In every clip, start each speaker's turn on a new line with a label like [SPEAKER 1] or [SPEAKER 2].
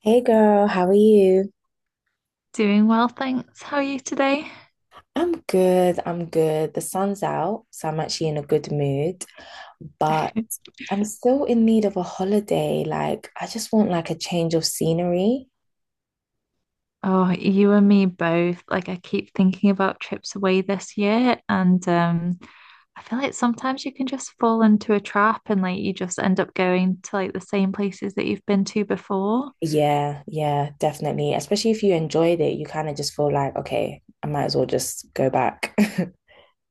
[SPEAKER 1] Hey girl, how are you?
[SPEAKER 2] Doing well, thanks. How are you today?
[SPEAKER 1] I'm good, I'm good. The sun's out, so I'm actually in a good mood, but I'm still in need of a holiday. Like, I just want like a change of scenery.
[SPEAKER 2] Oh, you and me both. Like I keep thinking about trips away this year, and I feel like sometimes you can just fall into a trap and like you just end up going to like the same places that you've been to before.
[SPEAKER 1] Yeah, yeah, definitely. Especially if you enjoyed it, you kind of just feel like, okay, I might as well just go back.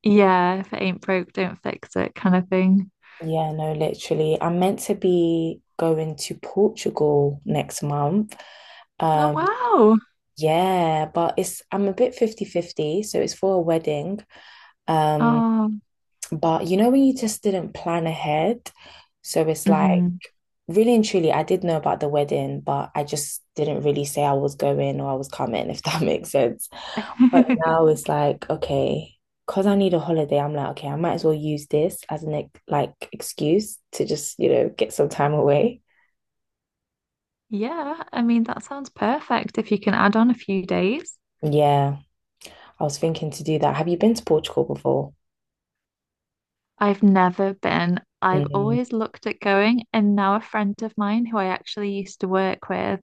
[SPEAKER 2] Yeah, if it ain't broke, don't fix it, kind of thing.
[SPEAKER 1] Yeah, no, literally. I'm meant to be going to Portugal next month.
[SPEAKER 2] Oh
[SPEAKER 1] Um,
[SPEAKER 2] wow.
[SPEAKER 1] yeah, but it's I'm a bit fifty fifty, so it's for a wedding. Um,
[SPEAKER 2] Oh.
[SPEAKER 1] but you know when you just didn't plan ahead, so it's like
[SPEAKER 2] Mhm.
[SPEAKER 1] really and truly, I did know about the wedding, but I just didn't really say I was going or I was coming, if that makes sense. But now it's like, okay, because I need a holiday, I'm like, okay, I might as well use this as an like excuse to just, get some time away.
[SPEAKER 2] Yeah, I mean that sounds perfect if you can add on a few days.
[SPEAKER 1] Yeah, I was thinking to do that. Have you been to Portugal before?
[SPEAKER 2] I've never been. I've
[SPEAKER 1] Mm.
[SPEAKER 2] always looked at going, and now a friend of mine who I actually used to work with,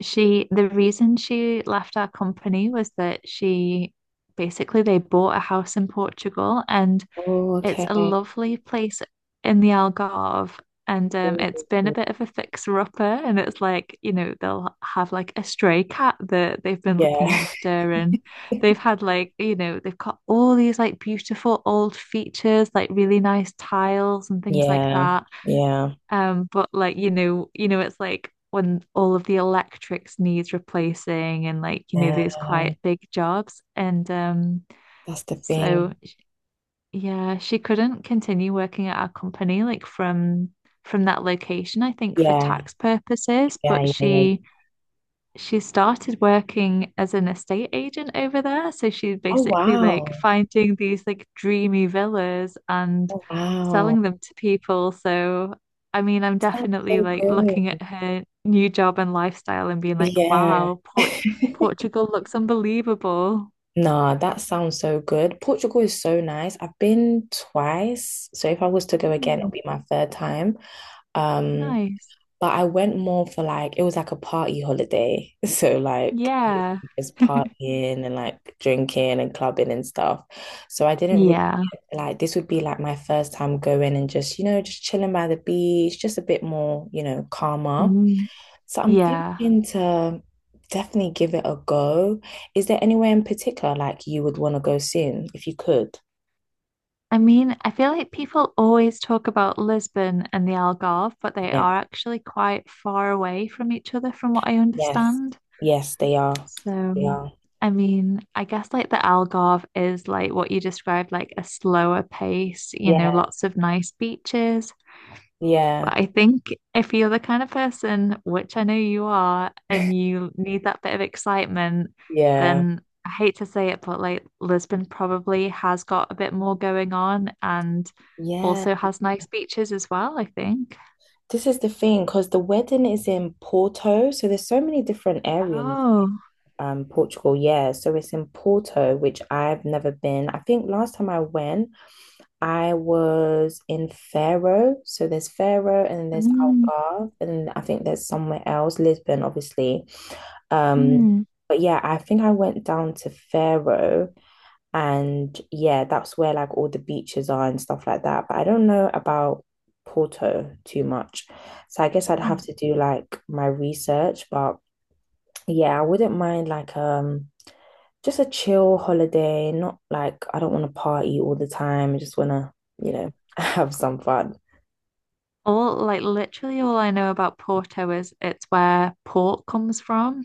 [SPEAKER 2] she, the reason she left our company was that she basically they bought a house in Portugal and
[SPEAKER 1] Oh,
[SPEAKER 2] it's a
[SPEAKER 1] okay.
[SPEAKER 2] lovely place in the Algarve, and it's been a
[SPEAKER 1] Ooh.
[SPEAKER 2] bit of a fixer-upper. And it's like, you know, they'll have like a stray cat that they've been
[SPEAKER 1] Yeah.
[SPEAKER 2] looking after, and they've had like, you know, they've got all these like beautiful old features, like really nice tiles and things like
[SPEAKER 1] Yeah.
[SPEAKER 2] that.
[SPEAKER 1] Yeah.
[SPEAKER 2] But like, you know, it's like when all of the electrics needs replacing, and like, you know, these
[SPEAKER 1] Yeah.
[SPEAKER 2] quite big jobs, and.
[SPEAKER 1] That's the
[SPEAKER 2] So
[SPEAKER 1] thing.
[SPEAKER 2] yeah, she couldn't continue working at our company like from that location, I think for
[SPEAKER 1] Yeah,
[SPEAKER 2] tax purposes,
[SPEAKER 1] yeah,
[SPEAKER 2] but
[SPEAKER 1] yeah, yeah.
[SPEAKER 2] she started working as an estate agent over there. So she's
[SPEAKER 1] Oh
[SPEAKER 2] basically like
[SPEAKER 1] wow.
[SPEAKER 2] finding these like dreamy villas and
[SPEAKER 1] Oh wow.
[SPEAKER 2] selling them to people. So I mean, I'm
[SPEAKER 1] Sounds
[SPEAKER 2] definitely
[SPEAKER 1] so
[SPEAKER 2] like looking
[SPEAKER 1] good.
[SPEAKER 2] at her new job and lifestyle and being like,
[SPEAKER 1] Yeah.
[SPEAKER 2] wow, Portugal looks unbelievable.
[SPEAKER 1] Nah, that sounds so good. Portugal is so nice. I've been twice, so if I was to go again,
[SPEAKER 2] Mm,
[SPEAKER 1] it'll be my third time. Um,
[SPEAKER 2] nice.
[SPEAKER 1] But I went more for like it was like a party holiday. So like
[SPEAKER 2] Yeah.
[SPEAKER 1] just partying and like drinking and clubbing and stuff. So I didn't really
[SPEAKER 2] Yeah.
[SPEAKER 1] like this would be like my first time going and just, you know, just chilling by the beach, just a bit more, you know, calmer.
[SPEAKER 2] Mm,
[SPEAKER 1] So I'm
[SPEAKER 2] yeah.
[SPEAKER 1] thinking to definitely give it a go. Is there anywhere in particular like you would want to go soon if you could?
[SPEAKER 2] I mean, I feel like people always talk about Lisbon and the Algarve, but they
[SPEAKER 1] Yeah.
[SPEAKER 2] are actually quite far away from each other, from what I
[SPEAKER 1] Yes.
[SPEAKER 2] understand.
[SPEAKER 1] Yes, they are.
[SPEAKER 2] So,
[SPEAKER 1] They are.
[SPEAKER 2] I mean, I guess like the Algarve is like what you described, like a slower pace, you know,
[SPEAKER 1] Yeah.
[SPEAKER 2] lots of nice beaches.
[SPEAKER 1] Yeah.
[SPEAKER 2] But I think if you're the kind of person, which I know you are, and you need that bit of excitement,
[SPEAKER 1] Yeah.
[SPEAKER 2] then I hate to say it, but like Lisbon probably has got a bit more going on and
[SPEAKER 1] Yeah.
[SPEAKER 2] also has nice beaches as well, I think.
[SPEAKER 1] This is the thing, because the wedding is in Porto, so there's so many different areas.
[SPEAKER 2] Oh,
[SPEAKER 1] Portugal, yeah. So it's in Porto, which I've never been. I think last time I went, I was in Faro. So there's Faro and then there's
[SPEAKER 2] mm,
[SPEAKER 1] Algarve, and I think there's somewhere else, Lisbon, obviously. Um,
[SPEAKER 2] mm.
[SPEAKER 1] but yeah, I think I went down to Faro. And yeah, that's where like all the beaches are and stuff like that. But I don't know about Porto too much. So I guess I'd
[SPEAKER 2] Mm.
[SPEAKER 1] have to do like my research. But yeah, I wouldn't mind like just a chill holiday, not like I don't want to party all the time. I just want to, you know, have some fun.
[SPEAKER 2] All like literally all I know about Porto is it's where port comes from.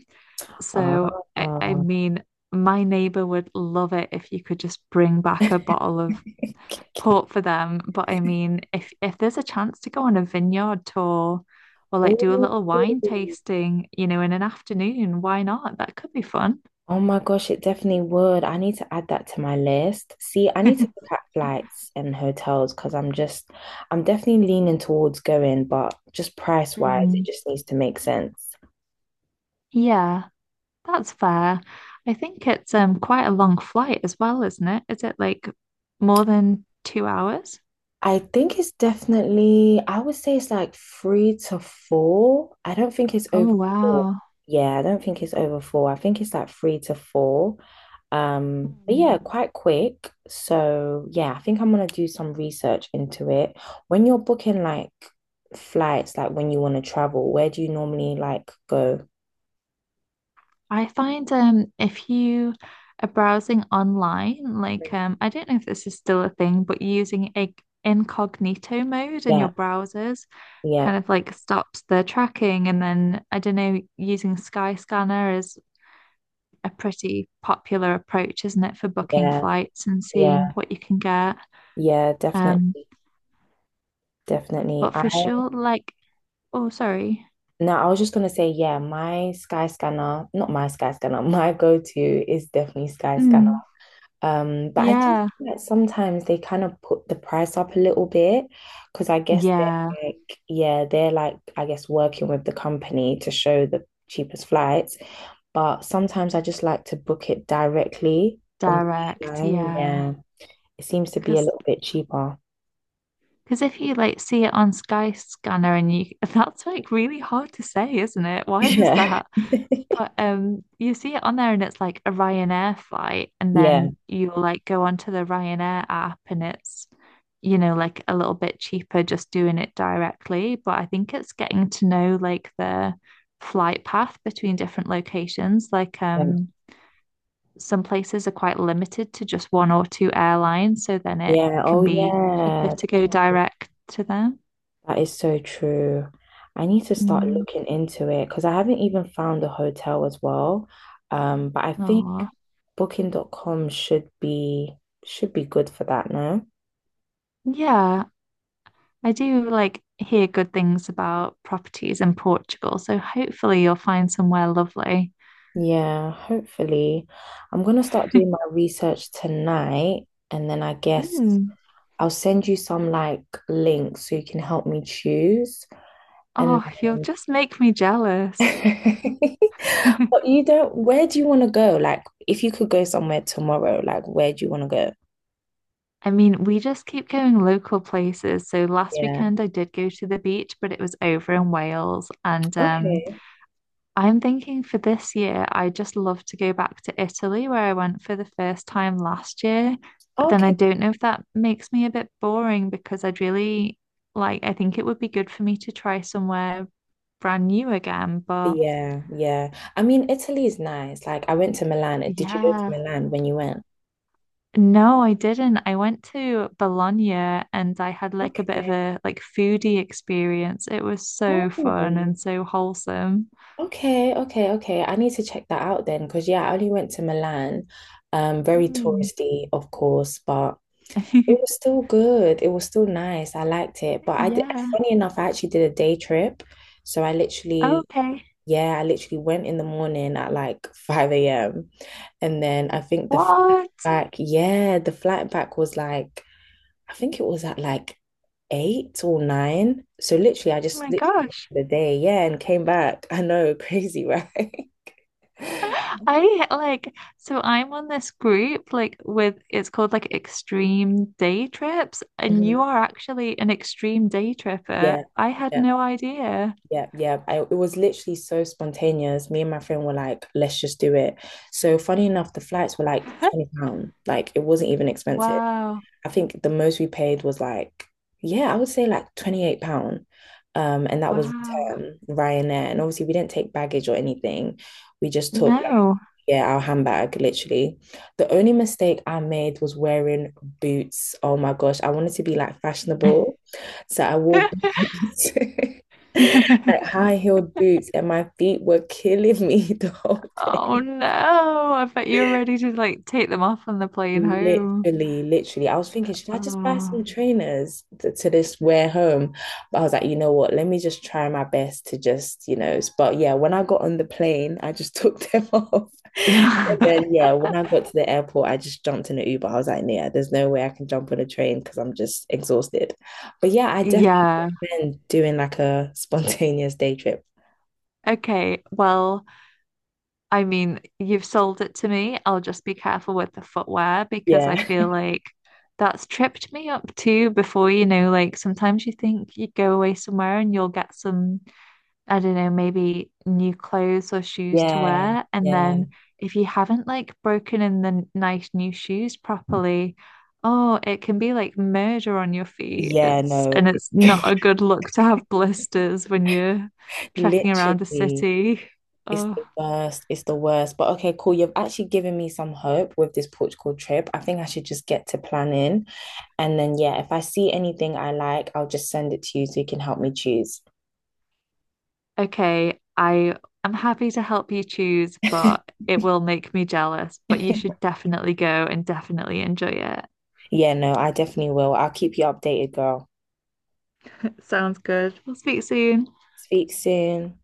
[SPEAKER 1] Ah.
[SPEAKER 2] So I mean, my neighbor would love it if you could just bring back a bottle of port for them. But I mean, if there's a chance to go on a vineyard tour or like do a
[SPEAKER 1] Oh.
[SPEAKER 2] little wine tasting, you know, in an afternoon, why not? That could be fun.
[SPEAKER 1] Oh my gosh, it definitely would. I need to add that to my list. See, I need to look at flights and hotels because I'm definitely leaning towards going, but just price wise, it
[SPEAKER 2] Mm.
[SPEAKER 1] just needs to make sense.
[SPEAKER 2] Yeah, that's fair. I think it's quite a long flight as well, isn't it? Is it like more than 2 hours?
[SPEAKER 1] I think it's definitely, I would say it's like three to four. I don't think it's over
[SPEAKER 2] Oh,
[SPEAKER 1] four.
[SPEAKER 2] wow.
[SPEAKER 1] Yeah, I don't think it's over four. I think it's like three to four. But yeah,
[SPEAKER 2] Mm.
[SPEAKER 1] quite quick. So yeah, I think I'm gonna do some research into it. When you're booking like flights, like when you want to travel, where do you normally like go?
[SPEAKER 2] I find if you are browsing online, like I don't know if this is still a thing, but using a incognito mode in your
[SPEAKER 1] Yeah,
[SPEAKER 2] browsers
[SPEAKER 1] yeah,
[SPEAKER 2] kind of like stops the tracking and then I don't know, using Skyscanner is a pretty popular approach, isn't it, for booking
[SPEAKER 1] yeah,
[SPEAKER 2] flights and
[SPEAKER 1] yeah,
[SPEAKER 2] seeing what you can get.
[SPEAKER 1] yeah,
[SPEAKER 2] Um,
[SPEAKER 1] definitely, definitely.
[SPEAKER 2] but for sure, like oh sorry.
[SPEAKER 1] No, I was just gonna say, yeah, my Sky Scanner, not my Sky Scanner, my go-to is definitely Sky Scanner.
[SPEAKER 2] Mm,
[SPEAKER 1] But I do
[SPEAKER 2] yeah.
[SPEAKER 1] think that sometimes they kind of put the price up a little bit because I guess they're
[SPEAKER 2] Yeah,
[SPEAKER 1] like, yeah, they're like, I guess working with the company to show the cheapest flights. But sometimes I just like to book it directly on the
[SPEAKER 2] direct,
[SPEAKER 1] airline.
[SPEAKER 2] yeah.
[SPEAKER 1] Yeah, it seems to be a
[SPEAKER 2] Because
[SPEAKER 1] little bit cheaper.
[SPEAKER 2] Because if you like see it on Sky Scanner and you that's like really hard to say, isn't it? Why is
[SPEAKER 1] Yeah.
[SPEAKER 2] that? But you see it on there and it's like a Ryanair flight and
[SPEAKER 1] Yeah.
[SPEAKER 2] then you like go onto the Ryanair app and it's you know like a little bit cheaper just doing it directly, but I think it's getting to know like the flight path between different locations like some places are quite limited to just one or two airlines so then it
[SPEAKER 1] Yeah. Oh,
[SPEAKER 2] can be cheaper
[SPEAKER 1] yeah.
[SPEAKER 2] to go direct to them.
[SPEAKER 1] That is so true. I need to start
[SPEAKER 2] Mm,
[SPEAKER 1] looking into it because I haven't even found a hotel as well. But I think
[SPEAKER 2] aw.
[SPEAKER 1] Booking.com should be good for that, no?
[SPEAKER 2] Yeah, I do like hear good things about properties in Portugal, so hopefully you'll find somewhere lovely.
[SPEAKER 1] Yeah, hopefully. I'm gonna start doing my research tonight and then I guess
[SPEAKER 2] Mm.
[SPEAKER 1] I'll send you some like links so you can help me choose. And
[SPEAKER 2] Oh, you'll just make me jealous.
[SPEAKER 1] but you don't, where do you want to go? Like if you could go somewhere tomorrow, like where do you want to go?
[SPEAKER 2] I mean, we just keep going local places. So last
[SPEAKER 1] Yeah.
[SPEAKER 2] weekend I did go to the beach, but it was over in Wales and
[SPEAKER 1] Okay.
[SPEAKER 2] I'm thinking for this year, I just love to go back to Italy where I went for the first time last year. But then I
[SPEAKER 1] Okay.
[SPEAKER 2] don't know if that makes me a bit boring because I'd really like, I think it would be good for me to try somewhere brand new again. But
[SPEAKER 1] Yeah, yeah. I mean, Italy is nice. Like, I went to Milan. Did you go to
[SPEAKER 2] yeah,
[SPEAKER 1] Milan when you went?
[SPEAKER 2] no, I didn't. I went to Bologna and I had like a bit of
[SPEAKER 1] Okay.
[SPEAKER 2] a like foodie experience. It was so fun
[SPEAKER 1] Oh,
[SPEAKER 2] and so wholesome.
[SPEAKER 1] okay, okay, okay. I need to check that out then, because yeah, I only went to Milan. Very
[SPEAKER 2] Mm.
[SPEAKER 1] touristy, of course, but it was still good. It was still nice. I liked it. But I did,
[SPEAKER 2] Yeah.
[SPEAKER 1] funny enough, I actually did a day trip. So I literally,
[SPEAKER 2] Okay.
[SPEAKER 1] yeah, I literally went in the morning at like 5 a.m. And then I think the flight
[SPEAKER 2] What?
[SPEAKER 1] back, yeah, the flight back was like, I think it was at like eight or nine. So literally, I
[SPEAKER 2] Oh
[SPEAKER 1] just
[SPEAKER 2] my
[SPEAKER 1] literally worked
[SPEAKER 2] gosh.
[SPEAKER 1] the day, yeah, and came back. I know, crazy, right?
[SPEAKER 2] I like so I'm on this group like with it's called like extreme day trips and you
[SPEAKER 1] hmm
[SPEAKER 2] are actually an extreme day tripper.
[SPEAKER 1] Yeah,
[SPEAKER 2] I had
[SPEAKER 1] yeah,
[SPEAKER 2] no idea.
[SPEAKER 1] yeah, yeah. It was literally so spontaneous. Me and my friend were like, let's just do it. So funny enough, the flights were like 20 pound. Like it wasn't even expensive.
[SPEAKER 2] Wow.
[SPEAKER 1] I think the most we paid was like, yeah, I would say like £28. And that was
[SPEAKER 2] Wow.
[SPEAKER 1] return Ryanair. And obviously we didn't take baggage or anything. We just took like,
[SPEAKER 2] No.
[SPEAKER 1] yeah, our handbag, literally. The only mistake I made was wearing boots. Oh my gosh, I wanted to be like fashionable. So I wore boots. like high heeled boots and my feet were killing me the whole day.
[SPEAKER 2] Oh no. I bet you're ready to like take them off on the plane home.
[SPEAKER 1] Literally, literally. I was thinking, should I just buy
[SPEAKER 2] Oh.
[SPEAKER 1] some trainers to, this wear home? But I was like, you know what? Let me just try my best to just. But yeah, when I got on the plane, I just took them off. And then, yeah, when I got to the airport, I just jumped in an Uber. I was like, yeah, there's no way I can jump on a train because I'm just exhausted. But yeah, I definitely
[SPEAKER 2] Yeah.
[SPEAKER 1] recommend doing like a spontaneous day trip.
[SPEAKER 2] Okay. Well, I mean, you've sold it to me. I'll just be careful with the footwear because I
[SPEAKER 1] Yeah,
[SPEAKER 2] feel like that's tripped me up too before, you know, like sometimes you think you go away somewhere and you'll get some, I don't know, maybe new clothes or shoes to
[SPEAKER 1] yeah,
[SPEAKER 2] wear. And
[SPEAKER 1] yeah,
[SPEAKER 2] then if you haven't like broken in the nice new shoes properly, oh, it can be like murder on your feet.
[SPEAKER 1] yeah,
[SPEAKER 2] It's
[SPEAKER 1] no.
[SPEAKER 2] and it's not a good look to have blisters when you're trekking around a
[SPEAKER 1] Literally,
[SPEAKER 2] city.
[SPEAKER 1] it's
[SPEAKER 2] Oh.
[SPEAKER 1] the worst. It's the worst. But okay, cool. You've actually given me some hope with this Portugal trip. I think I should just get to planning. And then, yeah, if I see anything I like, I'll just send it to you so you can help me choose.
[SPEAKER 2] Okay, I am happy to help you choose, but it will make me jealous. But you should definitely go and definitely enjoy it.
[SPEAKER 1] Yeah, no, I definitely will. I'll keep you updated, girl.
[SPEAKER 2] Sounds good. We'll speak soon.
[SPEAKER 1] Speak soon.